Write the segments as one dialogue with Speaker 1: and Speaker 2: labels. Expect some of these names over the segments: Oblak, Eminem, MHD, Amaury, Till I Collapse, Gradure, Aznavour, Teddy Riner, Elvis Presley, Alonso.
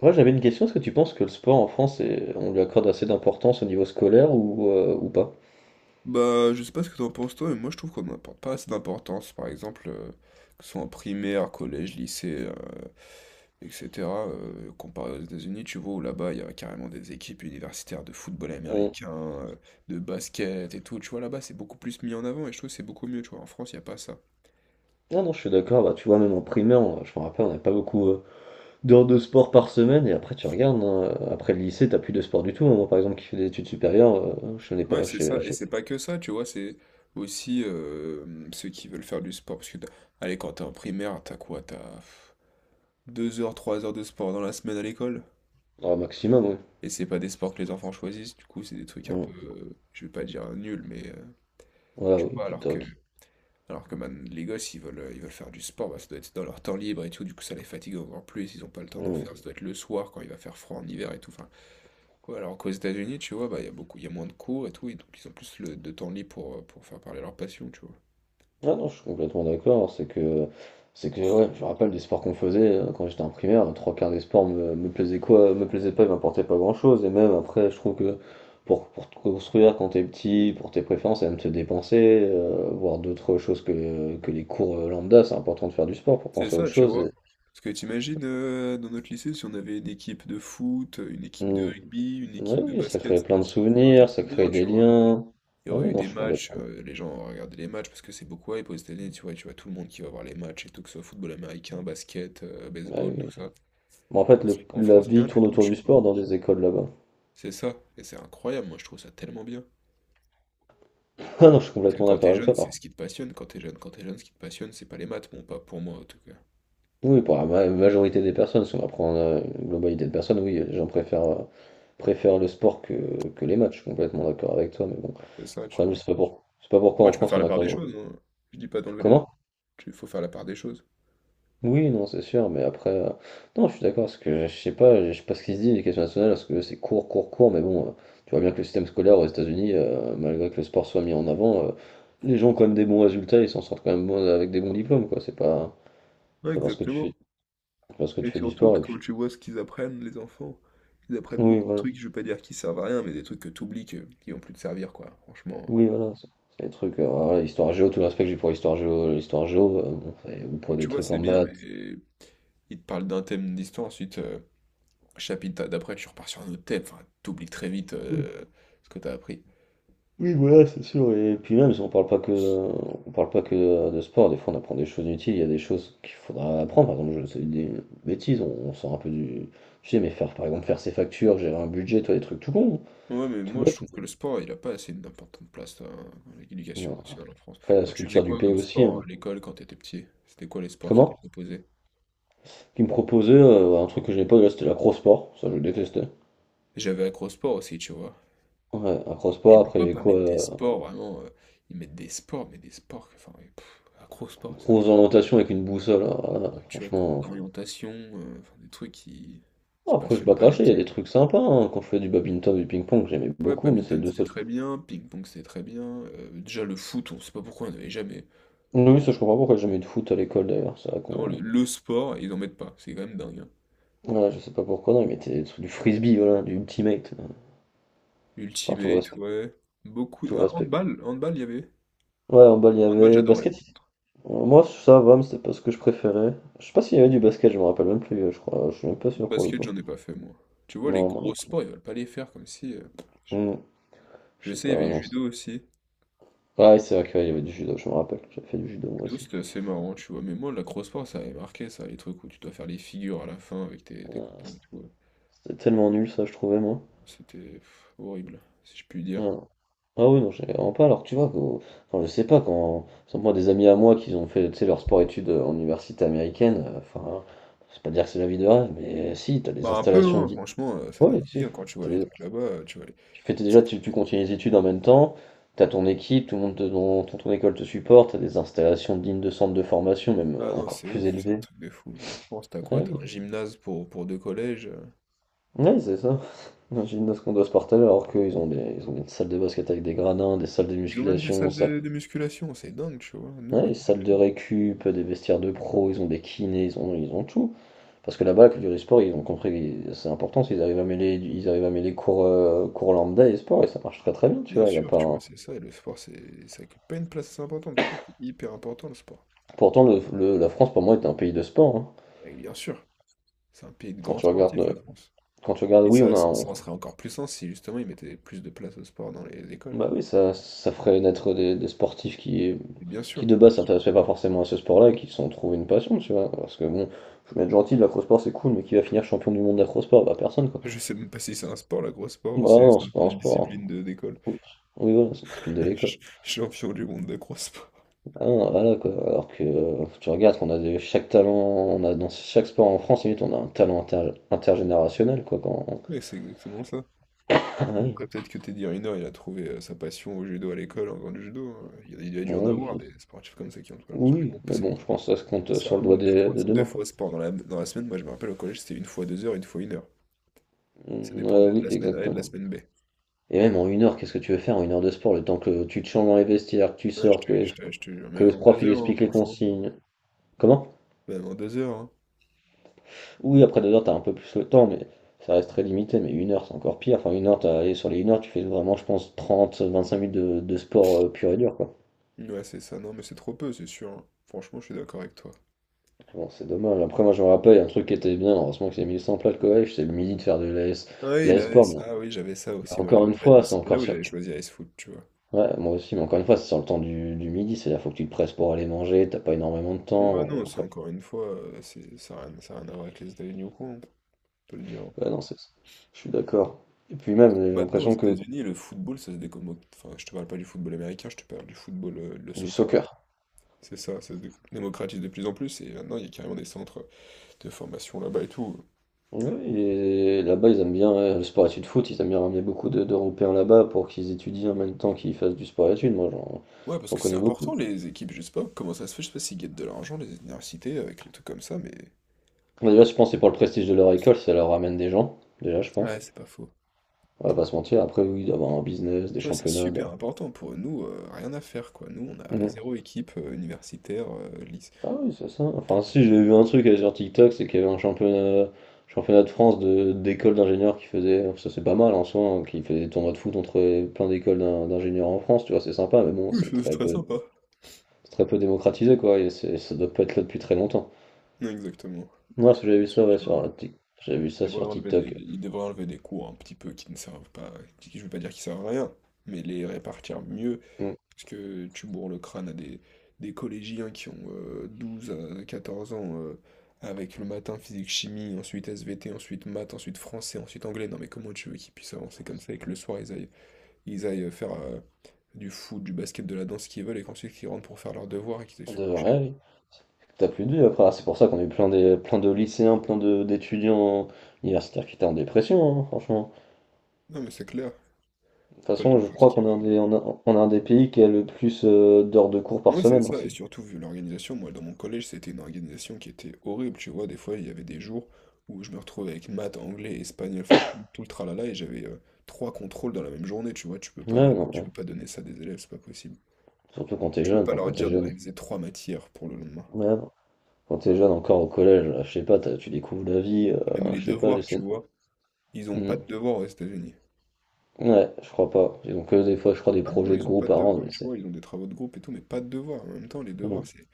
Speaker 1: Moi, j'avais une question. Est-ce que tu penses que le sport en France, on lui accorde assez d'importance au niveau scolaire ou pas?
Speaker 2: Bah, je sais pas ce que t'en penses toi, mais moi je trouve qu'on n'apporte pas assez d'importance. Par exemple, que ce soit en primaire, collège, lycée, etc. Comparé aux États-Unis, tu vois, où là-bas il y a carrément des équipes universitaires de football
Speaker 1: On-
Speaker 2: américain, de basket et tout. Tu vois, là-bas c'est beaucoup plus mis en avant et je trouve que c'est beaucoup mieux. Tu vois, en France il n'y a pas ça.
Speaker 1: Non, non, je suis d'accord. Bah, tu vois, même en primaire, je me rappelle, on n'avait pas beaucoup d'heures de sport par semaine. Et après, tu regardes, hein, après le lycée, t'as plus de sport du tout, hein. Moi, par exemple, qui fait des études supérieures, je n'ai
Speaker 2: Ouais,
Speaker 1: pas,
Speaker 2: c'est ça, et c'est pas que ça, tu vois, c'est aussi ceux qui veulent faire du sport. Parce que, allez, quand t'es en primaire, t'as quoi? T'as 2 heures, 3 heures de sport dans la semaine à l'école?
Speaker 1: dans le maximum, oui.
Speaker 2: Et c'est pas des sports que les enfants choisissent, du coup, c'est des trucs un
Speaker 1: Mm.
Speaker 2: peu, je vais pas dire nuls, mais
Speaker 1: Voilà,
Speaker 2: tu
Speaker 1: oui,
Speaker 2: vois,
Speaker 1: qui toque.
Speaker 2: alors que man, les gosses, ils veulent, ils veulent faire du sport, bah, ça doit être dans leur temps libre et tout, du coup, ça les fatigue encore plus, ils ont pas le temps d'en
Speaker 1: Mm.
Speaker 2: faire, ça doit être le soir quand il va faire froid en hiver et tout. Enfin, ouais, alors qu'aux États-Unis, tu vois, bah, il y a beaucoup, il y a moins de cours et tout, et donc ils ont plus de temps libre pour, faire parler leur passion, tu vois.
Speaker 1: Ah non, je suis complètement d'accord. C'est que ouais, je me rappelle des sports qu'on faisait quand j'étais en primaire. Trois quarts des sports me plaisaient quoi, me plaisaient pas, ils m'apportaient pas grand-chose. Et même après, je trouve que pour te construire quand t'es petit, pour tes préférences, et même te dépenser, voir d'autres choses que les cours lambda, c'est important de faire du sport pour
Speaker 2: C'est
Speaker 1: penser à autre
Speaker 2: ça, tu
Speaker 1: chose.
Speaker 2: vois. Parce que t'imagines, dans notre lycée, si on avait une équipe de foot, une équipe de
Speaker 1: Hmm.
Speaker 2: rugby, une équipe
Speaker 1: Ouais,
Speaker 2: de
Speaker 1: oui, ça
Speaker 2: basket,
Speaker 1: crée
Speaker 2: ça
Speaker 1: plein de
Speaker 2: aurait été
Speaker 1: souvenirs, ça
Speaker 2: trop bien,
Speaker 1: crée
Speaker 2: tu
Speaker 1: des
Speaker 2: vois.
Speaker 1: liens.
Speaker 2: Il y
Speaker 1: Ah
Speaker 2: aurait
Speaker 1: oui,
Speaker 2: eu
Speaker 1: non,
Speaker 2: des
Speaker 1: je suis
Speaker 2: matchs,
Speaker 1: complètement.
Speaker 2: les gens auraient regardé les matchs parce que c'est beaucoup hype aux États-Unis, tu vois, tout le monde qui va voir les matchs et tout, que ce soit football américain, basket,
Speaker 1: Ah
Speaker 2: baseball, tout
Speaker 1: oui.
Speaker 2: ça.
Speaker 1: Bon, en fait,
Speaker 2: En
Speaker 1: la
Speaker 2: France,
Speaker 1: vie
Speaker 2: rien du
Speaker 1: tourne
Speaker 2: tout,
Speaker 1: autour du
Speaker 2: tu vois.
Speaker 1: sport dans les écoles là-bas.
Speaker 2: C'est ça, et c'est incroyable, moi je trouve ça tellement bien.
Speaker 1: Ah non, je suis
Speaker 2: Parce que
Speaker 1: complètement
Speaker 2: quand
Speaker 1: d'accord
Speaker 2: t'es
Speaker 1: avec
Speaker 2: jeune,
Speaker 1: toi.
Speaker 2: c'est
Speaker 1: Par
Speaker 2: ce qui te passionne, ce qui te passionne, c'est pas les maths, bon, pas pour moi en tout cas.
Speaker 1: Oui, pour la majorité des personnes, si on va prendre une globalité de personnes, oui, les gens préfèrent le sport que les matchs, je suis complètement d'accord avec toi, mais bon,
Speaker 2: C'est ça,
Speaker 1: le
Speaker 2: tu
Speaker 1: problème,
Speaker 2: vois.
Speaker 1: c'est pas pourquoi
Speaker 2: Ouais,
Speaker 1: en
Speaker 2: tu peux
Speaker 1: France
Speaker 2: faire
Speaker 1: on
Speaker 2: la
Speaker 1: a
Speaker 2: part des
Speaker 1: quand
Speaker 2: choses, hein. Je dis pas d'enlever les maths,
Speaker 1: Comment?
Speaker 2: il faut faire la part des choses.
Speaker 1: Oui, non, c'est sûr, mais après, non, je suis d'accord, parce que je sais pas ce qui se dit, l'éducation nationale, parce que c'est court, court, court, mais bon, tu vois bien que le système scolaire aux États-Unis, malgré que le sport soit mis en avant, les gens ont quand même des bons résultats, ils s'en sortent quand même avec des bons diplômes, quoi, c'est pas,
Speaker 2: Ouais,
Speaker 1: c'est pas parce que tu
Speaker 2: exactement.
Speaker 1: fais, parce que
Speaker 2: Et
Speaker 1: tu fais du
Speaker 2: surtout
Speaker 1: sport,
Speaker 2: que
Speaker 1: et puis,
Speaker 2: quand tu vois ce qu'ils apprennent, les enfants, ils apprennent
Speaker 1: oui,
Speaker 2: beaucoup de
Speaker 1: voilà.
Speaker 2: trucs, je veux pas dire qu'ils servent à rien, mais des trucs que t'oublies, qui vont plus te servir, quoi. Franchement.
Speaker 1: Oui, voilà, c'est des trucs, voilà, histoire géo, tout l'aspect que j'ai pour histoire géo, l'histoire géo, bon, ou
Speaker 2: Ouais,
Speaker 1: pour des
Speaker 2: tu vois,
Speaker 1: trucs
Speaker 2: c'est
Speaker 1: en
Speaker 2: bien,
Speaker 1: maths.
Speaker 2: mais ils te parlent d'un thème d'histoire, ensuite, chapitre d'après, tu repars sur un autre thème. Enfin, t'oublies très vite
Speaker 1: Oui,
Speaker 2: ce que t'as appris.
Speaker 1: oui, voilà, c'est sûr. Et puis même, si on parle pas que, on parle pas que de sport, des fois on apprend des choses utiles, il y a des choses qu'il faudra apprendre. Par exemple, je sais des bêtises, on sort un peu du, tu sais, mais faire, par exemple, faire ses factures, gérer un budget, toi, des trucs tout con, hein,
Speaker 2: Ouais, mais
Speaker 1: tout
Speaker 2: moi, je
Speaker 1: bête.
Speaker 2: trouve que le sport, il a pas assez d'importante place dans l'éducation
Speaker 1: Non.
Speaker 2: nationale en France.
Speaker 1: Après, la
Speaker 2: Toi, tu faisais
Speaker 1: sculpture du
Speaker 2: quoi
Speaker 1: pays
Speaker 2: comme
Speaker 1: aussi,
Speaker 2: sport
Speaker 1: hein.
Speaker 2: à l'école quand t'étais petit? C'était quoi les sports qui étaient
Speaker 1: Comment?
Speaker 2: proposés?
Speaker 1: Qui me proposait un truc que je n'ai pas, là, c'était l'acro-sport, ça je détestais.
Speaker 2: J'avais accro au sport aussi, tu vois.
Speaker 1: Ouais,
Speaker 2: Et
Speaker 1: acro-sport,
Speaker 2: pourquoi
Speaker 1: après
Speaker 2: pas mettre des
Speaker 1: quoi?
Speaker 2: sports, vraiment, ils mettent des sports, mais des sports, enfin, ouais, acro-sport, ça.
Speaker 1: Grosse orientation avec une boussole, alors là,
Speaker 2: Ouais, tu vois, cours
Speaker 1: franchement.
Speaker 2: d'orientation, enfin, des trucs qui
Speaker 1: Bon, après, je vais
Speaker 2: passionnent
Speaker 1: pas
Speaker 2: pas les
Speaker 1: cracher, il y a
Speaker 2: petits,
Speaker 1: des trucs sympas, hein. Quand je fais du badminton, du ping-pong, j'aimais
Speaker 2: quoi. Ouais,
Speaker 1: beaucoup, mais c'est les
Speaker 2: badminton,
Speaker 1: deux
Speaker 2: c'était
Speaker 1: seuls
Speaker 2: très
Speaker 1: sports.
Speaker 2: bien, ping-pong, c'était très bien. Déjà, le foot, on sait pas pourquoi on n'avait jamais.
Speaker 1: Oui, oui, ça, je comprends pas pourquoi j'ai jamais eu de foot à l'école d'ailleurs. C'est vrai
Speaker 2: Vraiment, le,
Speaker 1: qu'on.
Speaker 2: le sport, ils en mettent pas, c'est quand même dingue, hein.
Speaker 1: Voilà, je sais pas pourquoi, non, ils mettaient des du frisbee, voilà, du ultimate. Enfin, tout le
Speaker 2: Ultimate,
Speaker 1: respect.
Speaker 2: ouais. Beaucoup.
Speaker 1: Tout le
Speaker 2: Ah,
Speaker 1: respect.
Speaker 2: handball, handball, il y avait.
Speaker 1: Ouais, en bas, il y
Speaker 2: Handball,
Speaker 1: avait
Speaker 2: j'adorais,
Speaker 1: basket.
Speaker 2: par contre.
Speaker 1: Moi, ça va, mais c'était pas ce que je préférais. Je sais pas s'il y avait du basket, je me rappelle même plus, je crois. Je suis même pas sûr pour le
Speaker 2: Basket,
Speaker 1: coup.
Speaker 2: j'en ai pas fait, moi. Tu vois, les
Speaker 1: Non, moi non
Speaker 2: gros
Speaker 1: plus.
Speaker 2: sports, ils veulent pas les faire, comme si.
Speaker 1: Hmm, Je
Speaker 2: Je
Speaker 1: sais
Speaker 2: sais, il y
Speaker 1: pas,
Speaker 2: avait
Speaker 1: non,
Speaker 2: judo aussi.
Speaker 1: Ouais, c'est vrai qu'il y avait du judo, je me rappelle. J'avais fait du judo moi
Speaker 2: D'où
Speaker 1: aussi.
Speaker 2: c'était assez marrant, tu vois. Mais moi, la crossfit, ça avait marqué, ça, les trucs où tu dois faire les figures à la fin avec tes copains et tout.
Speaker 1: C'était tellement nul ça, je trouvais moi.
Speaker 2: C'était horrible, si je puis dire.
Speaker 1: Ah, ah, oui, non, j'ai vraiment pas. Alors que tu vois, enfin, je sais pas, quand, sans moi, des amis à moi qui ont fait tu sais, leur sport-études en université américaine, enfin, hein, c'est pas dire que c'est la vie de rêve, mais si, t'as des
Speaker 2: Bah un peu,
Speaker 1: installations.
Speaker 2: hein, franchement, ça donne
Speaker 1: Ouais,
Speaker 2: vie
Speaker 1: si.
Speaker 2: hein, quand tu vois
Speaker 1: T'as
Speaker 2: les
Speaker 1: des-
Speaker 2: trucs là-bas, tu vois les.
Speaker 1: Tu fais t'es déjà, tu continues les études en même temps, t'as ton équipe, tout le monde, ton école te supporte, t'as des installations dignes de centres de formation, même
Speaker 2: Ah non,
Speaker 1: encore
Speaker 2: c'est
Speaker 1: plus
Speaker 2: ouf, c'est un
Speaker 1: élevés.
Speaker 2: truc de fou. Mais en France, t'as
Speaker 1: Ah
Speaker 2: quoi? T'as
Speaker 1: oui,
Speaker 2: un gymnase pour, deux collèges.
Speaker 1: ouais, c'est ça. Imagine ce qu'on doit se partager alors qu'ils ont des salles de basket avec des gradins, des salles de
Speaker 2: Ils ont même des
Speaker 1: musculation.
Speaker 2: salles de musculation, c'est dingue, tu vois. Nous,
Speaker 1: Ouais, les
Speaker 2: rien du
Speaker 1: salles de
Speaker 2: tout.
Speaker 1: récup, des vestiaires de pro, ils ont des kinés, ils ont tout. Parce que là-bas, la culture e-sport, ils ont compris que c'est important, ils arrivent à mêler, cours lambda et sport, et ça marche très très bien, tu
Speaker 2: Bien
Speaker 1: vois. Il y a
Speaker 2: sûr,
Speaker 1: pas
Speaker 2: tu vois, c'est ça, et le sport, ça occupe pas une place assez importante. Pourtant, c'est hyper important le sport.
Speaker 1: Pourtant, la France, pour moi, est un pays de sport, hein.
Speaker 2: Et bien sûr, c'est un pays de
Speaker 1: Quand
Speaker 2: grands
Speaker 1: tu regardes,
Speaker 2: sportifs,
Speaker 1: euh,
Speaker 2: la France.
Speaker 1: quand tu regardes,
Speaker 2: Et
Speaker 1: oui, on
Speaker 2: ça,
Speaker 1: a
Speaker 2: ça, ça en serait encore plus sens si justement ils mettaient plus de place au sport dans les écoles.
Speaker 1: Bah oui, ça ferait naître des sportifs
Speaker 2: Et bien
Speaker 1: qui
Speaker 2: sûr,
Speaker 1: de base s'intéressaient pas forcément à ce sport-là et qui se sont trouvés une passion, tu vois. Parce que bon, je vais être gentil, l'acrosport c'est cool, mais qui va finir champion du monde d'acrosport? Bah personne quoi.
Speaker 2: je sais même pas si c'est un sport, la grosse sport
Speaker 1: Bah
Speaker 2: ou c'est
Speaker 1: non,
Speaker 2: juste
Speaker 1: c'est pas un
Speaker 2: une discipline
Speaker 1: sport,
Speaker 2: d'école.
Speaker 1: hein. Oui, voilà, c'est une spin de l'école.
Speaker 2: Champion du monde de d'accro-sport.
Speaker 1: Ah, non, voilà, quoi. Alors que tu regardes qu'on a de, chaque talent, on a dans chaque sport en France, limite, on a un talent intergénérationnel, quoi. Quand...
Speaker 2: Mais c'est exactement ça.
Speaker 1: Ah oui,
Speaker 2: Après, peut-être que Teddy Riner, il a trouvé sa passion au judo à l'école en faisant du judo, hein. Il y a dû en avoir
Speaker 1: oui,
Speaker 2: des sportifs comme ça qui ont trouvé leur passion. Mais
Speaker 1: oui,
Speaker 2: bon,
Speaker 1: mais
Speaker 2: c'est
Speaker 1: bon, je pense que ça se compte
Speaker 2: c'est
Speaker 1: sur le doigt
Speaker 2: vraiment deux
Speaker 1: demain,
Speaker 2: fois
Speaker 1: quoi.
Speaker 2: sport dans la semaine. Moi, je me rappelle au collège, c'était une fois deux heures, une fois une heure. Ça
Speaker 1: Mm, euh,
Speaker 2: dépendait de
Speaker 1: oui,
Speaker 2: la semaine A et de la
Speaker 1: exactement.
Speaker 2: semaine B.
Speaker 1: Et même en une heure, qu'est-ce que tu veux faire en une heure de sport? Le temps que tu te changes dans les vestiaires, que tu
Speaker 2: Ouais, je
Speaker 1: sortes,
Speaker 2: te, je te, je te jure,
Speaker 1: que le
Speaker 2: même en
Speaker 1: prof
Speaker 2: deux
Speaker 1: il
Speaker 2: heures, hein,
Speaker 1: explique les
Speaker 2: franchement.
Speaker 1: consignes. Comment?
Speaker 2: Même en deux heures, hein.
Speaker 1: Oui, après 2 heures, t'as un peu plus le temps, mais ça reste très limité. Mais une heure, c'est encore pire. Enfin, une heure, et sur les une heure, tu fais vraiment, je pense, 30 25 minutes de sport pur et dur, quoi.
Speaker 2: Ouais, c'est ça. Non, mais c'est trop peu, c'est sûr, hein. Franchement, je suis d'accord avec toi.
Speaker 1: Bon, c'est dommage. Après, moi, je me rappelle, un truc qui était bien, heureusement que j'ai mis ça en place le collège, c'est le midi de faire de l'AS,
Speaker 2: Ah oui, il avait ça.
Speaker 1: l'AS-sport.
Speaker 2: Ah oui, j'avais ça
Speaker 1: Mais
Speaker 2: aussi. Moi,
Speaker 1: encore
Speaker 2: j'avais
Speaker 1: une
Speaker 2: pas dû.
Speaker 1: fois, c'est
Speaker 2: C'était là
Speaker 1: encore
Speaker 2: où
Speaker 1: sur.
Speaker 2: j'avais choisi Ice Foot, tu vois.
Speaker 1: Ouais, moi aussi, mais encore une fois, c'est sur le temps du midi, c'est-à-dire faut que tu te presses pour aller manger, t'as pas énormément de
Speaker 2: Oh, bah
Speaker 1: temps.
Speaker 2: non, c'est
Speaker 1: Après,
Speaker 2: encore une fois, ça a rien à voir avec les États-Unis ou quoi, hein, on peut le dire, hein.
Speaker 1: ouais, non, c'est ça. Je suis d'accord. Et puis même, j'ai
Speaker 2: Maintenant, aux
Speaker 1: l'impression que
Speaker 2: États-Unis, le football, ça se décommode. Enfin, je te parle pas du football américain, je te parle du football, le
Speaker 1: du
Speaker 2: soccer.
Speaker 1: soccer.
Speaker 2: C'est ça, ça se démocratise de plus en plus. Et maintenant, il y a carrément des centres de formation là-bas et tout.
Speaker 1: Oui, et là-bas, ils aiment bien le sport études foot, ils aiment bien ramener beaucoup d'Européens là-bas pour qu'ils étudient en même temps qu'ils fassent du sport études. Moi, j'en
Speaker 2: Ouais, parce
Speaker 1: j'en
Speaker 2: que c'est
Speaker 1: connais beaucoup.
Speaker 2: important, les équipes, je sais pas comment ça se fait, je sais pas s'ils guettent de l'argent, les universités, avec les trucs comme ça, mais.
Speaker 1: Bah, déjà, je pense que c'est pour le prestige de leur école, ça leur ramène des gens, déjà, je
Speaker 2: Ouais,
Speaker 1: pense.
Speaker 2: c'est pas faux.
Speaker 1: On va pas se mentir, après, oui, d'avoir un business, des
Speaker 2: Tu vois, c'est
Speaker 1: championnats.
Speaker 2: super important pour nous, rien à faire quoi. Nous, on a
Speaker 1: Mhm.
Speaker 2: zéro équipe universitaire, lycée.
Speaker 1: Ah oui, c'est ça. Enfin, si, j'ai vu un truc sur TikTok, c'est qu'il y avait un championnat de France de d'écoles d'ingénieurs qui faisait, ça c'est pas mal en soi, hein, qui faisait des tournois de foot entre plein d'écoles d'ingénieurs en France, tu vois, c'est sympa, mais bon,
Speaker 2: Oui,
Speaker 1: c'est
Speaker 2: c'est
Speaker 1: très
Speaker 2: très
Speaker 1: peu.
Speaker 2: sympa.
Speaker 1: C'est très peu démocratisé, quoi, et ça doit pas être là depuis très longtemps.
Speaker 2: Non, exactement.
Speaker 1: Ouais,
Speaker 2: Non,
Speaker 1: parce que j'avais vu
Speaker 2: je suis
Speaker 1: ça,
Speaker 2: sûr
Speaker 1: ouais,
Speaker 2: qu'il y en a un.
Speaker 1: j'avais vu
Speaker 2: il
Speaker 1: ça
Speaker 2: devrait
Speaker 1: sur
Speaker 2: enlever des,
Speaker 1: TikTok.
Speaker 2: il devrait enlever des cours un petit peu qui ne servent pas, je veux pas dire qui servent à rien, mais les répartir mieux,
Speaker 1: Mm.
Speaker 2: parce que tu bourres le crâne à des collégiens qui ont 12 à 14 ans, avec le matin physique chimie, ensuite SVT, ensuite maths, ensuite français, ensuite anglais. Non, mais comment tu veux qu'ils puissent avancer comme ça et que le soir ils aillent faire du foot, du basket, de la danse, ce qu'ils veulent, et qu'ensuite qu'ils rentrent pour faire leurs devoirs et qu'ils aillent se
Speaker 1: De
Speaker 2: coucher.
Speaker 1: vrai, oui. T'as plus de vie après. Ah, c'est pour ça qu'on a eu plein de, lycéens, d'étudiants universitaires qui étaient en dépression, hein, franchement.
Speaker 2: Non, mais c'est clair,
Speaker 1: De toute
Speaker 2: t'as pas le temps
Speaker 1: façon,
Speaker 2: de
Speaker 1: je
Speaker 2: faire ce
Speaker 1: crois
Speaker 2: qu'ils
Speaker 1: qu'on est
Speaker 2: veulent.
Speaker 1: on a un des pays qui a le plus d'heures de cours par
Speaker 2: Moi, c'est
Speaker 1: semaine, hein,
Speaker 2: ça, et surtout, vu l'organisation, moi, dans mon collège, c'était une organisation qui était horrible, tu vois. Des fois, il y avait des jours où je me retrouvais avec maths, anglais, espagnol, enfin, tout tout le tralala, et j'avais trois contrôles dans la même journée, tu vois.
Speaker 1: Ouais, non,
Speaker 2: Tu
Speaker 1: ouais.
Speaker 2: peux pas donner ça à des élèves, c'est pas possible.
Speaker 1: Surtout quand t'es
Speaker 2: Tu peux
Speaker 1: jeune,
Speaker 2: pas
Speaker 1: enfin
Speaker 2: leur
Speaker 1: quand t'es
Speaker 2: dire de
Speaker 1: jeune.
Speaker 2: réviser trois matières pour le lendemain.
Speaker 1: Ouais, non. Quand t'es jeune encore au collège, je sais pas, tu découvres la vie,
Speaker 2: Et même les
Speaker 1: je sais pas, les
Speaker 2: devoirs, tu
Speaker 1: scènes.
Speaker 2: vois. Ils ont pas de devoirs aux États-Unis.
Speaker 1: Ouais, je crois pas. Ils ont que des fois, je crois, des
Speaker 2: Ah non, non,
Speaker 1: projets de
Speaker 2: ils ont pas
Speaker 1: groupe
Speaker 2: de
Speaker 1: à rendre,
Speaker 2: devoirs,
Speaker 1: mais
Speaker 2: tu
Speaker 1: c'est.
Speaker 2: vois, ils ont des travaux de groupe et tout, mais pas de devoirs. En même temps, les devoirs,
Speaker 1: Mm.
Speaker 2: c'est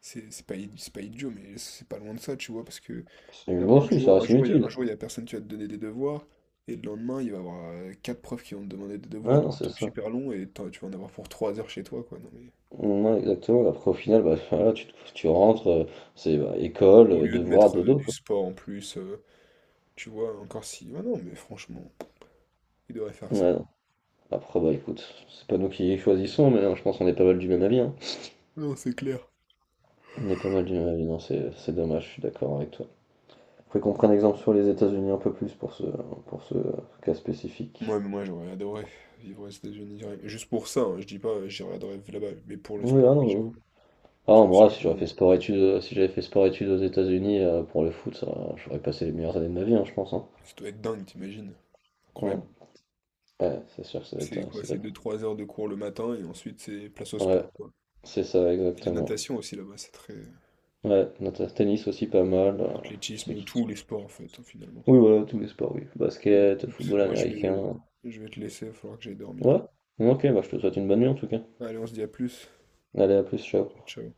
Speaker 2: c'est c'est pas, id- c'est pas idiot, mais c'est pas loin de ça, tu vois, parce que
Speaker 1: C'est bon,
Speaker 2: un
Speaker 1: si, ça reste
Speaker 2: un
Speaker 1: inutile.
Speaker 2: jour, il y a personne qui va te donner des devoirs, et le lendemain, il va y avoir quatre profs qui vont te demander des
Speaker 1: Ouais,
Speaker 2: devoirs,
Speaker 1: non,
Speaker 2: des
Speaker 1: c'est
Speaker 2: trucs
Speaker 1: ça.
Speaker 2: super longs, et tu vas en avoir pour trois heures chez toi, quoi. Non, mais.
Speaker 1: Non, exactement. Après, au final, bah, voilà, tu rentres, c'est bah, école,
Speaker 2: Au lieu de
Speaker 1: devoir,
Speaker 2: mettre
Speaker 1: dodo,
Speaker 2: du
Speaker 1: quoi.
Speaker 2: sport en plus, tu vois, encore si. Ah non, mais franchement, ils devraient faire ça.
Speaker 1: Ouais, non. Après, bah écoute, c'est pas nous qui choisissons, mais hein, je pense qu'on est pas mal du même avis, hein.
Speaker 2: Non, c'est clair.
Speaker 1: On est pas mal du même avis, non, c'est dommage, je suis d'accord avec toi. Faudrait qu'on prenne exemple sur les États-Unis un peu plus pour ce, pour ce euh, cas spécifique.
Speaker 2: Mais moi, j'aurais adoré vivre aux États-Unis, juste pour ça, hein, je dis pas, j'aurais adoré vivre là-bas, mais pour le
Speaker 1: Oui,
Speaker 2: sport,
Speaker 1: ah
Speaker 2: oui,
Speaker 1: non,
Speaker 2: parce
Speaker 1: ah,
Speaker 2: que si.
Speaker 1: moi, si j'avais fait sport études, si j'avais fait sport études aux États-Unis pour le foot, ça, j'aurais passé les meilleures années de ma vie, hein, je pense, hein.
Speaker 2: Ça doit être dingue, t'imagines?
Speaker 1: Ouais,
Speaker 2: Incroyable.
Speaker 1: ouais, c'est sûr que
Speaker 2: C'est quoi?
Speaker 1: ça doit
Speaker 2: C'est
Speaker 1: être.
Speaker 2: deux trois heures de cours le matin et ensuite c'est place au
Speaker 1: Ouais,
Speaker 2: sport, quoi.
Speaker 1: c'est ça,
Speaker 2: Et la
Speaker 1: exactement.
Speaker 2: natation aussi là-bas, c'est très.
Speaker 1: Ouais, notre tennis aussi pas mal. Je sais
Speaker 2: Athlétisme,
Speaker 1: qui.
Speaker 2: tous les sports en fait, hein, finalement.
Speaker 1: Oui, voilà, tous les sports, oui.
Speaker 2: Ouais.
Speaker 1: Basket,
Speaker 2: Écoute,
Speaker 1: football
Speaker 2: moi je vais
Speaker 1: américain.
Speaker 2: te laisser, il faudra que j'aille dormir
Speaker 1: Ouais. Ok, bah, je te souhaite une bonne nuit en tout cas.
Speaker 2: là. Allez, on se dit à plus.
Speaker 1: Allez, à plus, ciao.
Speaker 2: Ciao.